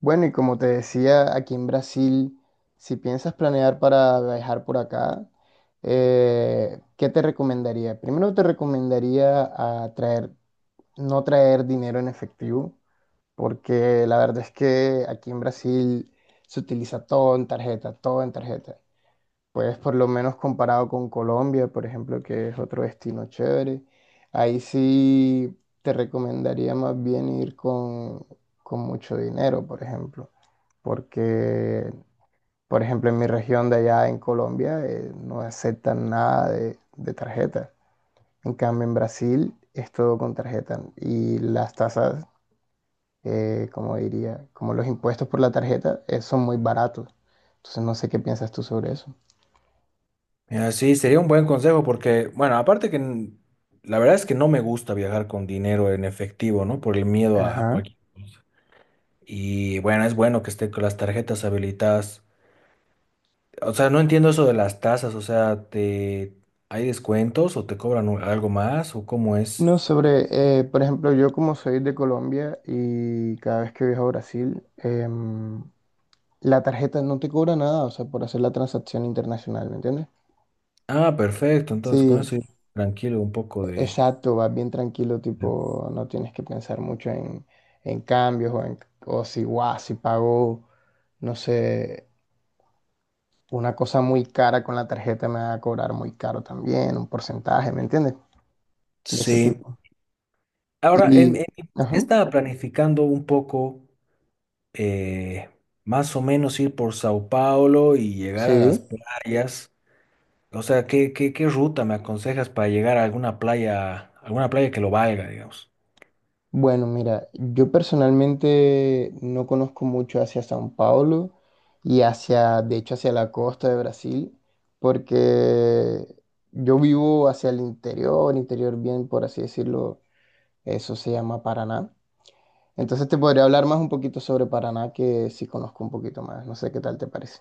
Bueno, y como te decía, aquí en Brasil, si piensas planear para viajar por acá, ¿qué te recomendaría? Primero te recomendaría a traer, no traer dinero en efectivo, porque la verdad es que aquí en Brasil se utiliza todo en tarjeta, todo en tarjeta. Pues por lo menos comparado con Colombia, por ejemplo, que es otro destino chévere, ahí sí te recomendaría más bien ir con mucho dinero, por ejemplo, porque, por ejemplo, en mi región de allá en Colombia no aceptan nada de tarjeta. En cambio, en Brasil es todo con tarjeta y las tasas, como diría, como los impuestos por la tarjeta, son muy baratos. Entonces no sé qué piensas tú sobre eso. Mira, sí, sería un buen consejo porque, bueno, aparte que n- la verdad es que no me gusta viajar con dinero en efectivo, ¿no? Por el miedo a Ajá. cualquier... Y bueno, es bueno que esté con las tarjetas habilitadas. O sea, no entiendo eso de las tasas, o sea, te... ¿hay descuentos o te cobran un- algo más o cómo es? No, sobre, por ejemplo, yo como soy de Colombia y cada vez que viajo a Brasil, la tarjeta no te cobra nada, o sea, por hacer la transacción internacional, ¿me entiendes? Ah, perfecto, entonces con Sí, eso yo tranquilo un poco exacto, vas bien tranquilo, de- tipo, no tienes que pensar mucho en cambios o si, guau, si pago, no sé, una cosa muy cara con la tarjeta me va a cobrar muy caro también, un porcentaje, ¿me entiendes? De ese Sí. tipo. Ahora, en Y, mi plan ajá, estaba planificando un poco eh, más o menos ir por Sao Paulo y llegar a sí. las playas. O sea, ¿qué ruta me aconsejas para llegar a alguna playa que lo valga, digamos? Bueno, mira, yo personalmente no conozco mucho hacia São Paulo y hacia, de hecho, hacia la costa de Brasil, porque yo vivo hacia el interior, interior bien, por así decirlo, eso se llama Paraná. Entonces te podría hablar más un poquito sobre Paraná que sí conozco un poquito más, no sé qué tal te parece.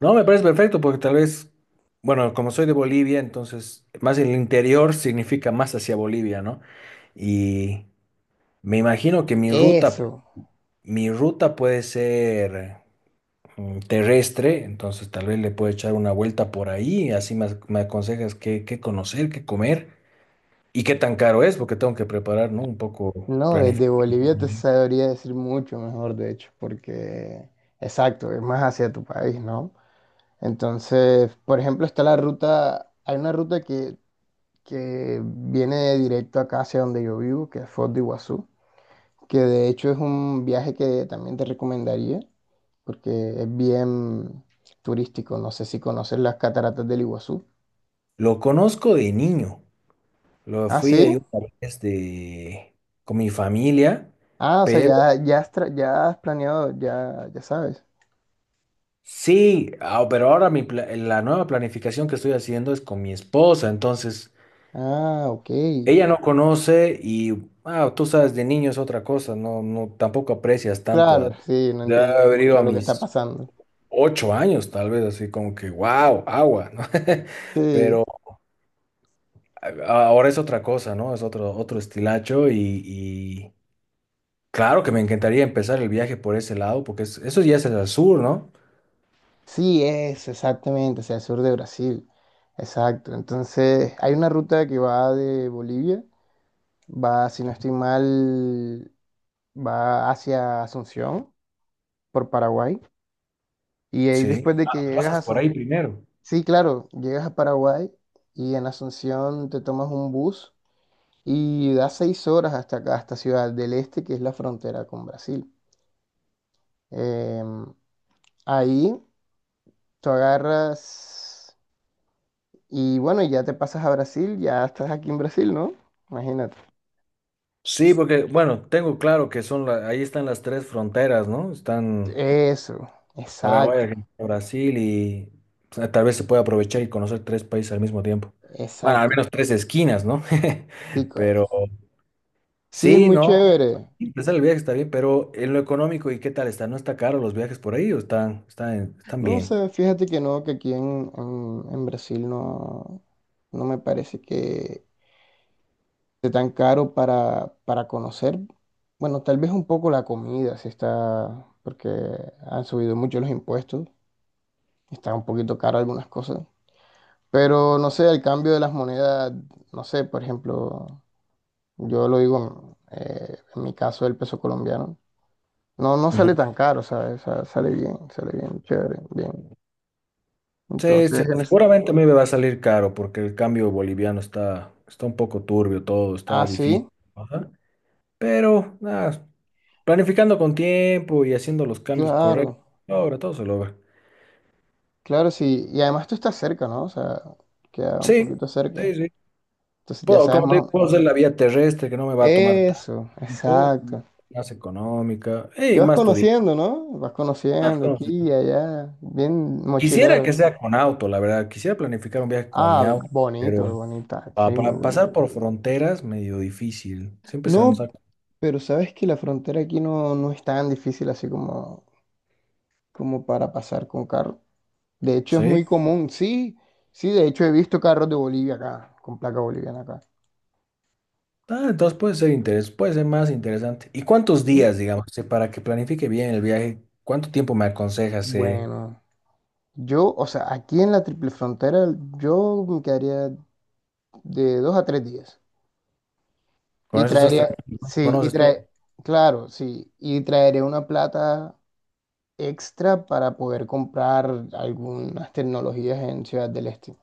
No, me parece perfecto porque tal vez, bueno, como soy de Bolivia, entonces más el interior significa más hacia Bolivia, ¿no? Y me imagino que mi ruta, Eso, mi ruta puede ser terrestre, entonces tal vez le puedo echar una vuelta por ahí, así me, ac- me aconsejas qué, qué conocer, qué comer. ¿Y qué tan caro es? Porque tengo que preparar, ¿no? Un poco no, desde planificar. Bolivia te sabría decir mucho mejor, de hecho, porque, exacto, es más hacia tu país, ¿no? Entonces, por ejemplo, está la ruta, hay una ruta que viene directo acá hacia donde yo vivo, que es Foz de Iguazú, que de hecho es un viaje que también te recomendaría, porque es bien turístico. No sé si conoces las cataratas del Iguazú. Lo conozco de niño. Lo Ah, fui ahí sí. una vez de, con mi familia, Ah, o sea, pero ya has planeado, ya sabes. sí, ah, pero ahora mi, pla- la nueva planificación que estoy haciendo es con mi esposa. Entonces, Ah, ok. ella no conoce y ah, tú sabes, de niño es otra cosa. No, tampoco aprecias tanto Claro, a, sí, no de entiendes haber ido mucho a lo que está mis pasando. 8 años, tal vez, así como que, wow, agua, ¿no? Sí. Pero a- Ahora es otra cosa, ¿no? Es otro, otro estilacho y claro que me encantaría empezar el viaje por ese lado, porque es- eso ya es el sur, ¿no? Sí, es exactamente, hacia el sur de Brasil. Exacto. Entonces, hay una ruta que va de Bolivia, va, si no estoy mal, va hacia Asunción, por Paraguay. Y ahí Sí. después de que Ah, llegas a pasas por ahí Asunción, primero. sí, claro, llegas a Paraguay y en Asunción te tomas un bus y da 6 horas hasta acá, hasta Ciudad del Este, que es la frontera con Brasil. Em, ahí tú agarras. Y bueno, ya te pasas a Brasil, ya estás aquí en Brasil, ¿no? Imagínate. Sí, porque, bueno, tengo claro que son, la- ahí están las tres fronteras, ¿no? Están Eso, Paraguay, exacto, Argentina, Brasil y o sea, tal vez se puede aprovechar y conocer tres países al mismo tiempo. Bueno, al exacto. menos tres esquinas, ¿no? Sí, Pero sí, es sí, muy ¿no? chévere. Empezar el viaje está bien, pero en lo económico, ¿y qué tal está? ¿No está caro los viajes por ahí o están No, o bien? sea, fíjate que no, que aquí en Brasil no, me parece que esté tan caro para conocer. Bueno, tal vez un poco la comida, sí está, porque han subido mucho los impuestos, está un poquito caro algunas cosas. Pero no sé, el cambio de las monedas, no sé, por ejemplo. Yo lo digo, en mi caso, el peso colombiano. No, no Ujú. sale tan caro, ¿sabes? O sea, sale bien, chévere, bien. Sí, se- Entonces, seguramente a mí me va a salir caro porque el cambio boliviano está, está un poco turbio todo, ah, está sí, difícil. Ajá. Pero nada, planificando con tiempo y haciendo los cambios correctos, claro, ahora todo se logra. claro, sí. Y además tú estás cerca, ¿no? O sea, queda un Sí, poquito cerca. sí, sí. Entonces ya Puedo, sabes como te más. digo, puedo hacer la vía terrestre que no me va a tomar Eso, tanto, exacto. más económica Y y vas más conociendo, ¿no? Vas conociendo aquí turística. y allá, bien Quisiera que mochilero. sea con auto, la verdad. Quisiera planificar un viaje con mi Ah, auto, bonito, pero bonita, sí, pa- muy para pasar bonito. por fronteras, medio difícil. Siempre se nos No, saca. pero sabes que la frontera aquí no es tan difícil así como para pasar con carro. De hecho, es ¿Sí? muy común, sí, sí, de hecho he visto carros de Bolivia acá, con placa boliviana acá. Ah, entonces puede ser interes, puede ser más interesante. ¿Y cuántos ¿Sí? días, digamos, para que planifique bien el viaje? ¿Cuánto tiempo me aconsejas? Bueno, yo, o sea, aquí en la triple frontera, yo me quedaría de 2 a 3 días. Con Y eso estás traería, tranquilo, ¿no sí, conoces todo? Claro, sí, y traeré una plata extra para poder comprar algunas tecnologías en Ciudad del Este,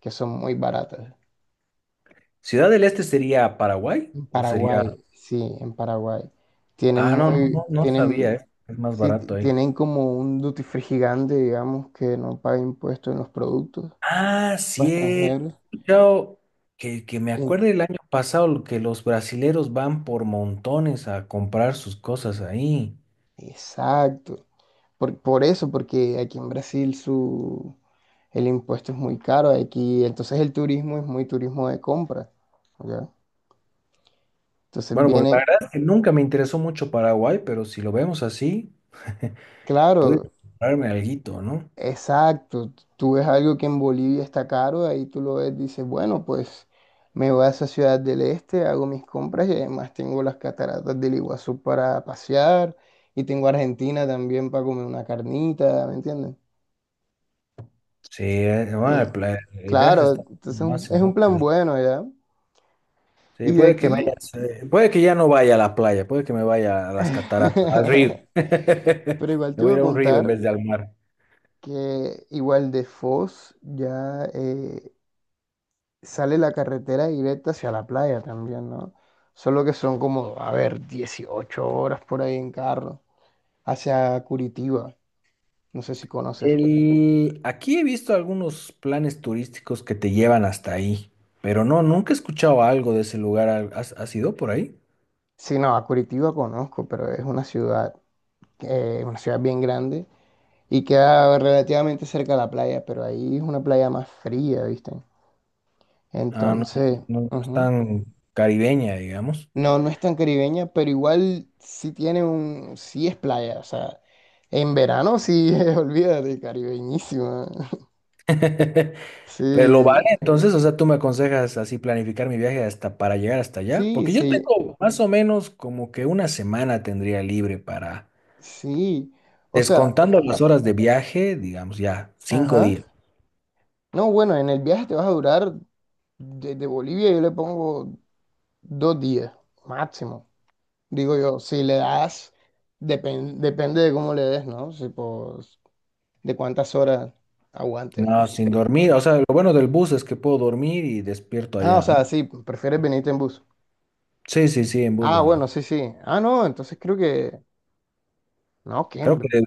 que son muy baratas. ¿Ciudad del Este sería Paraguay En o sería... Paraguay, sí, en Paraguay. Tienen Ah, no, no, no, muy, no sabía, tienen, eh. Es más sí, barato ahí. tienen como un duty free gigante, digamos, que no paga impuestos en los productos Ah, para cierto. extranjeros. He escuchado que me Y en- acuerdo el año pasado lo que los brasileros van por montones a comprar sus cosas ahí. exacto. Por eso, porque aquí en Brasil el impuesto es muy caro. Aquí, entonces el turismo es muy turismo de compra. ¿Ya? Entonces Bueno, porque la vienen, verdad es que nunca me interesó mucho Paraguay, pero si lo vemos así, puedo claro, comprarme alguito, ¿no? exacto, tú ves algo que en Bolivia está caro, ahí tú lo ves, dices, bueno, pues me voy a esa ciudad del este, hago mis compras y además tengo las cataratas del Iguazú para pasear y tengo Argentina también para comer una carnita, ¿me entiendes? Sí, Y, bueno, el, pla- el viaje claro, está entonces es un, más y es más un plan interesante. bueno, ¿ya? Sí, Y de puede que me aquí, haya- sí, puede que ya no vaya a la playa, puede que me vaya a las cataratas, al río. pero igual Me te voy iba a ir a a un río en contar vez de al mar. que igual de Foz ya sale la carretera directa hacia la playa también, ¿no? Solo que son como, a ver, 18 horas por ahí en carro, hacia Curitiba, no sé si conoces. El, aquí he visto algunos planes turísticos que te llevan hasta ahí, pero no, nunca he escuchado algo de ese lugar. Al- ¿has, has ido por ahí? Sí, no, a Curitiba conozco, pero es una ciudad bien grande y queda relativamente cerca de la playa, pero ahí es una playa más fría, ¿viste? Ah, no, Entonces, no es ujú. tan caribeña, digamos. No, no es tan caribeña, pero igual sí sí es playa, o sea, en verano sí, olvídate, caribeñísima. Pero lo vale, Sí, entonces, o sea, tú me aconsejas así planificar mi viaje hasta para llegar hasta allá, sí, porque yo sí, tengo más o menos como que una semana tendría libre para, sí. O sea, descontando las horas de viaje, digamos ya, cinco ajá. días. No, bueno, en el viaje te vas a durar desde Bolivia, yo le pongo 2 días, máximo. Digo yo, si le das, depende de cómo le des, ¿no? Si, pues, de cuántas horas aguantes. No, ¿No? sin Por dormir, o mí, no. sea, lo bueno del bus es que puedo dormir y despierto Ah, o allá, sea, ¿no? sí, prefieres venirte en bus. Sí, sí, sí, en bus, Ah, va. bueno, sí, sí. Ah, no, entonces creo que. No, Creo que, ¿quién?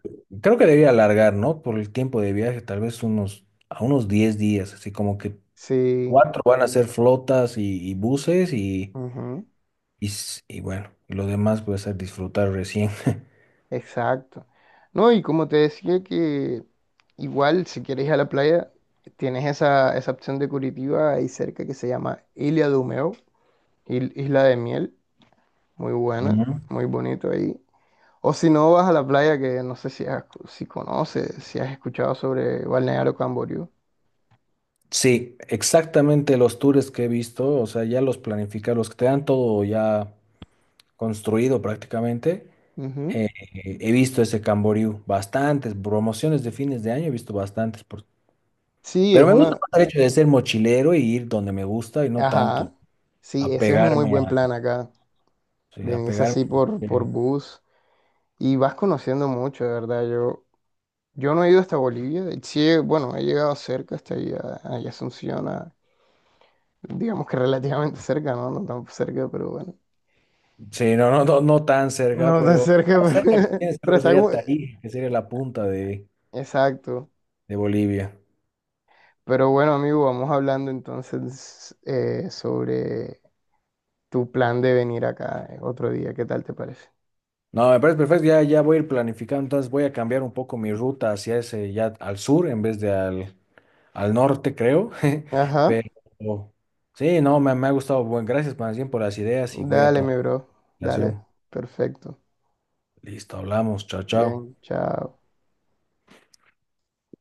creo que debería alargar, ¿no? Por el tiempo de viaje, tal vez unos, a unos 10 días, así como que Sí. cuatro van a ser flotas y buses Ujú. Y bueno, lo demás puede ser disfrutar recién. Exacto. No, y como te decía que igual si quieres ir a la playa, tienes esa opción de Curitiba ahí cerca que se llama Ilha do Mel, Isla de Miel, muy buena, Ujú. muy bonito ahí. O si no vas a la playa, que no sé si conoces, si has escuchado sobre Balneario Camboriú. Sí, exactamente los tours que he visto, o sea, ya los planificados, los que te dan todo ya construido prácticamente. Ujú. eh, He visto ese Camboriú, bastantes promociones de fines de año, he visto bastantes. Sí, Pero es me gusta una. más el hecho de ser mochilero y ir donde me gusta y no tanto Ajá. Sí, ese es un muy apegarme buen a, plan acá. sí, Venís apegarme. así por eh, bus y vas conociendo mucho, de verdad. Yo no he ido hasta Bolivia, sí, bueno, he llegado cerca hasta allá, Asunción, digamos que relativamente cerca, ¿no? No tan cerca, pero bueno. Sí, no, no tan cerca, No tan pero cerca, más cerca que pero, tienes creo pero que está sería como. Tarija, que sería la punta Exacto. de Bolivia. Pero bueno, amigo, vamos hablando entonces sobre tu plan de venir acá otro día, ¿qué tal te parece? No, me parece perfecto, ya, ya voy a ir planificando, entonces voy a cambiar un poco mi ruta hacia ese, ya al sur en vez de al, al norte, creo. Ajá, Pero sí, no, me ha gustado. Bueno, gracias más bien por las ideas y voy a dale, tomar mi la bro, dale, consideración. perfecto. Listo, hablamos, chao, chao. Bien, chao.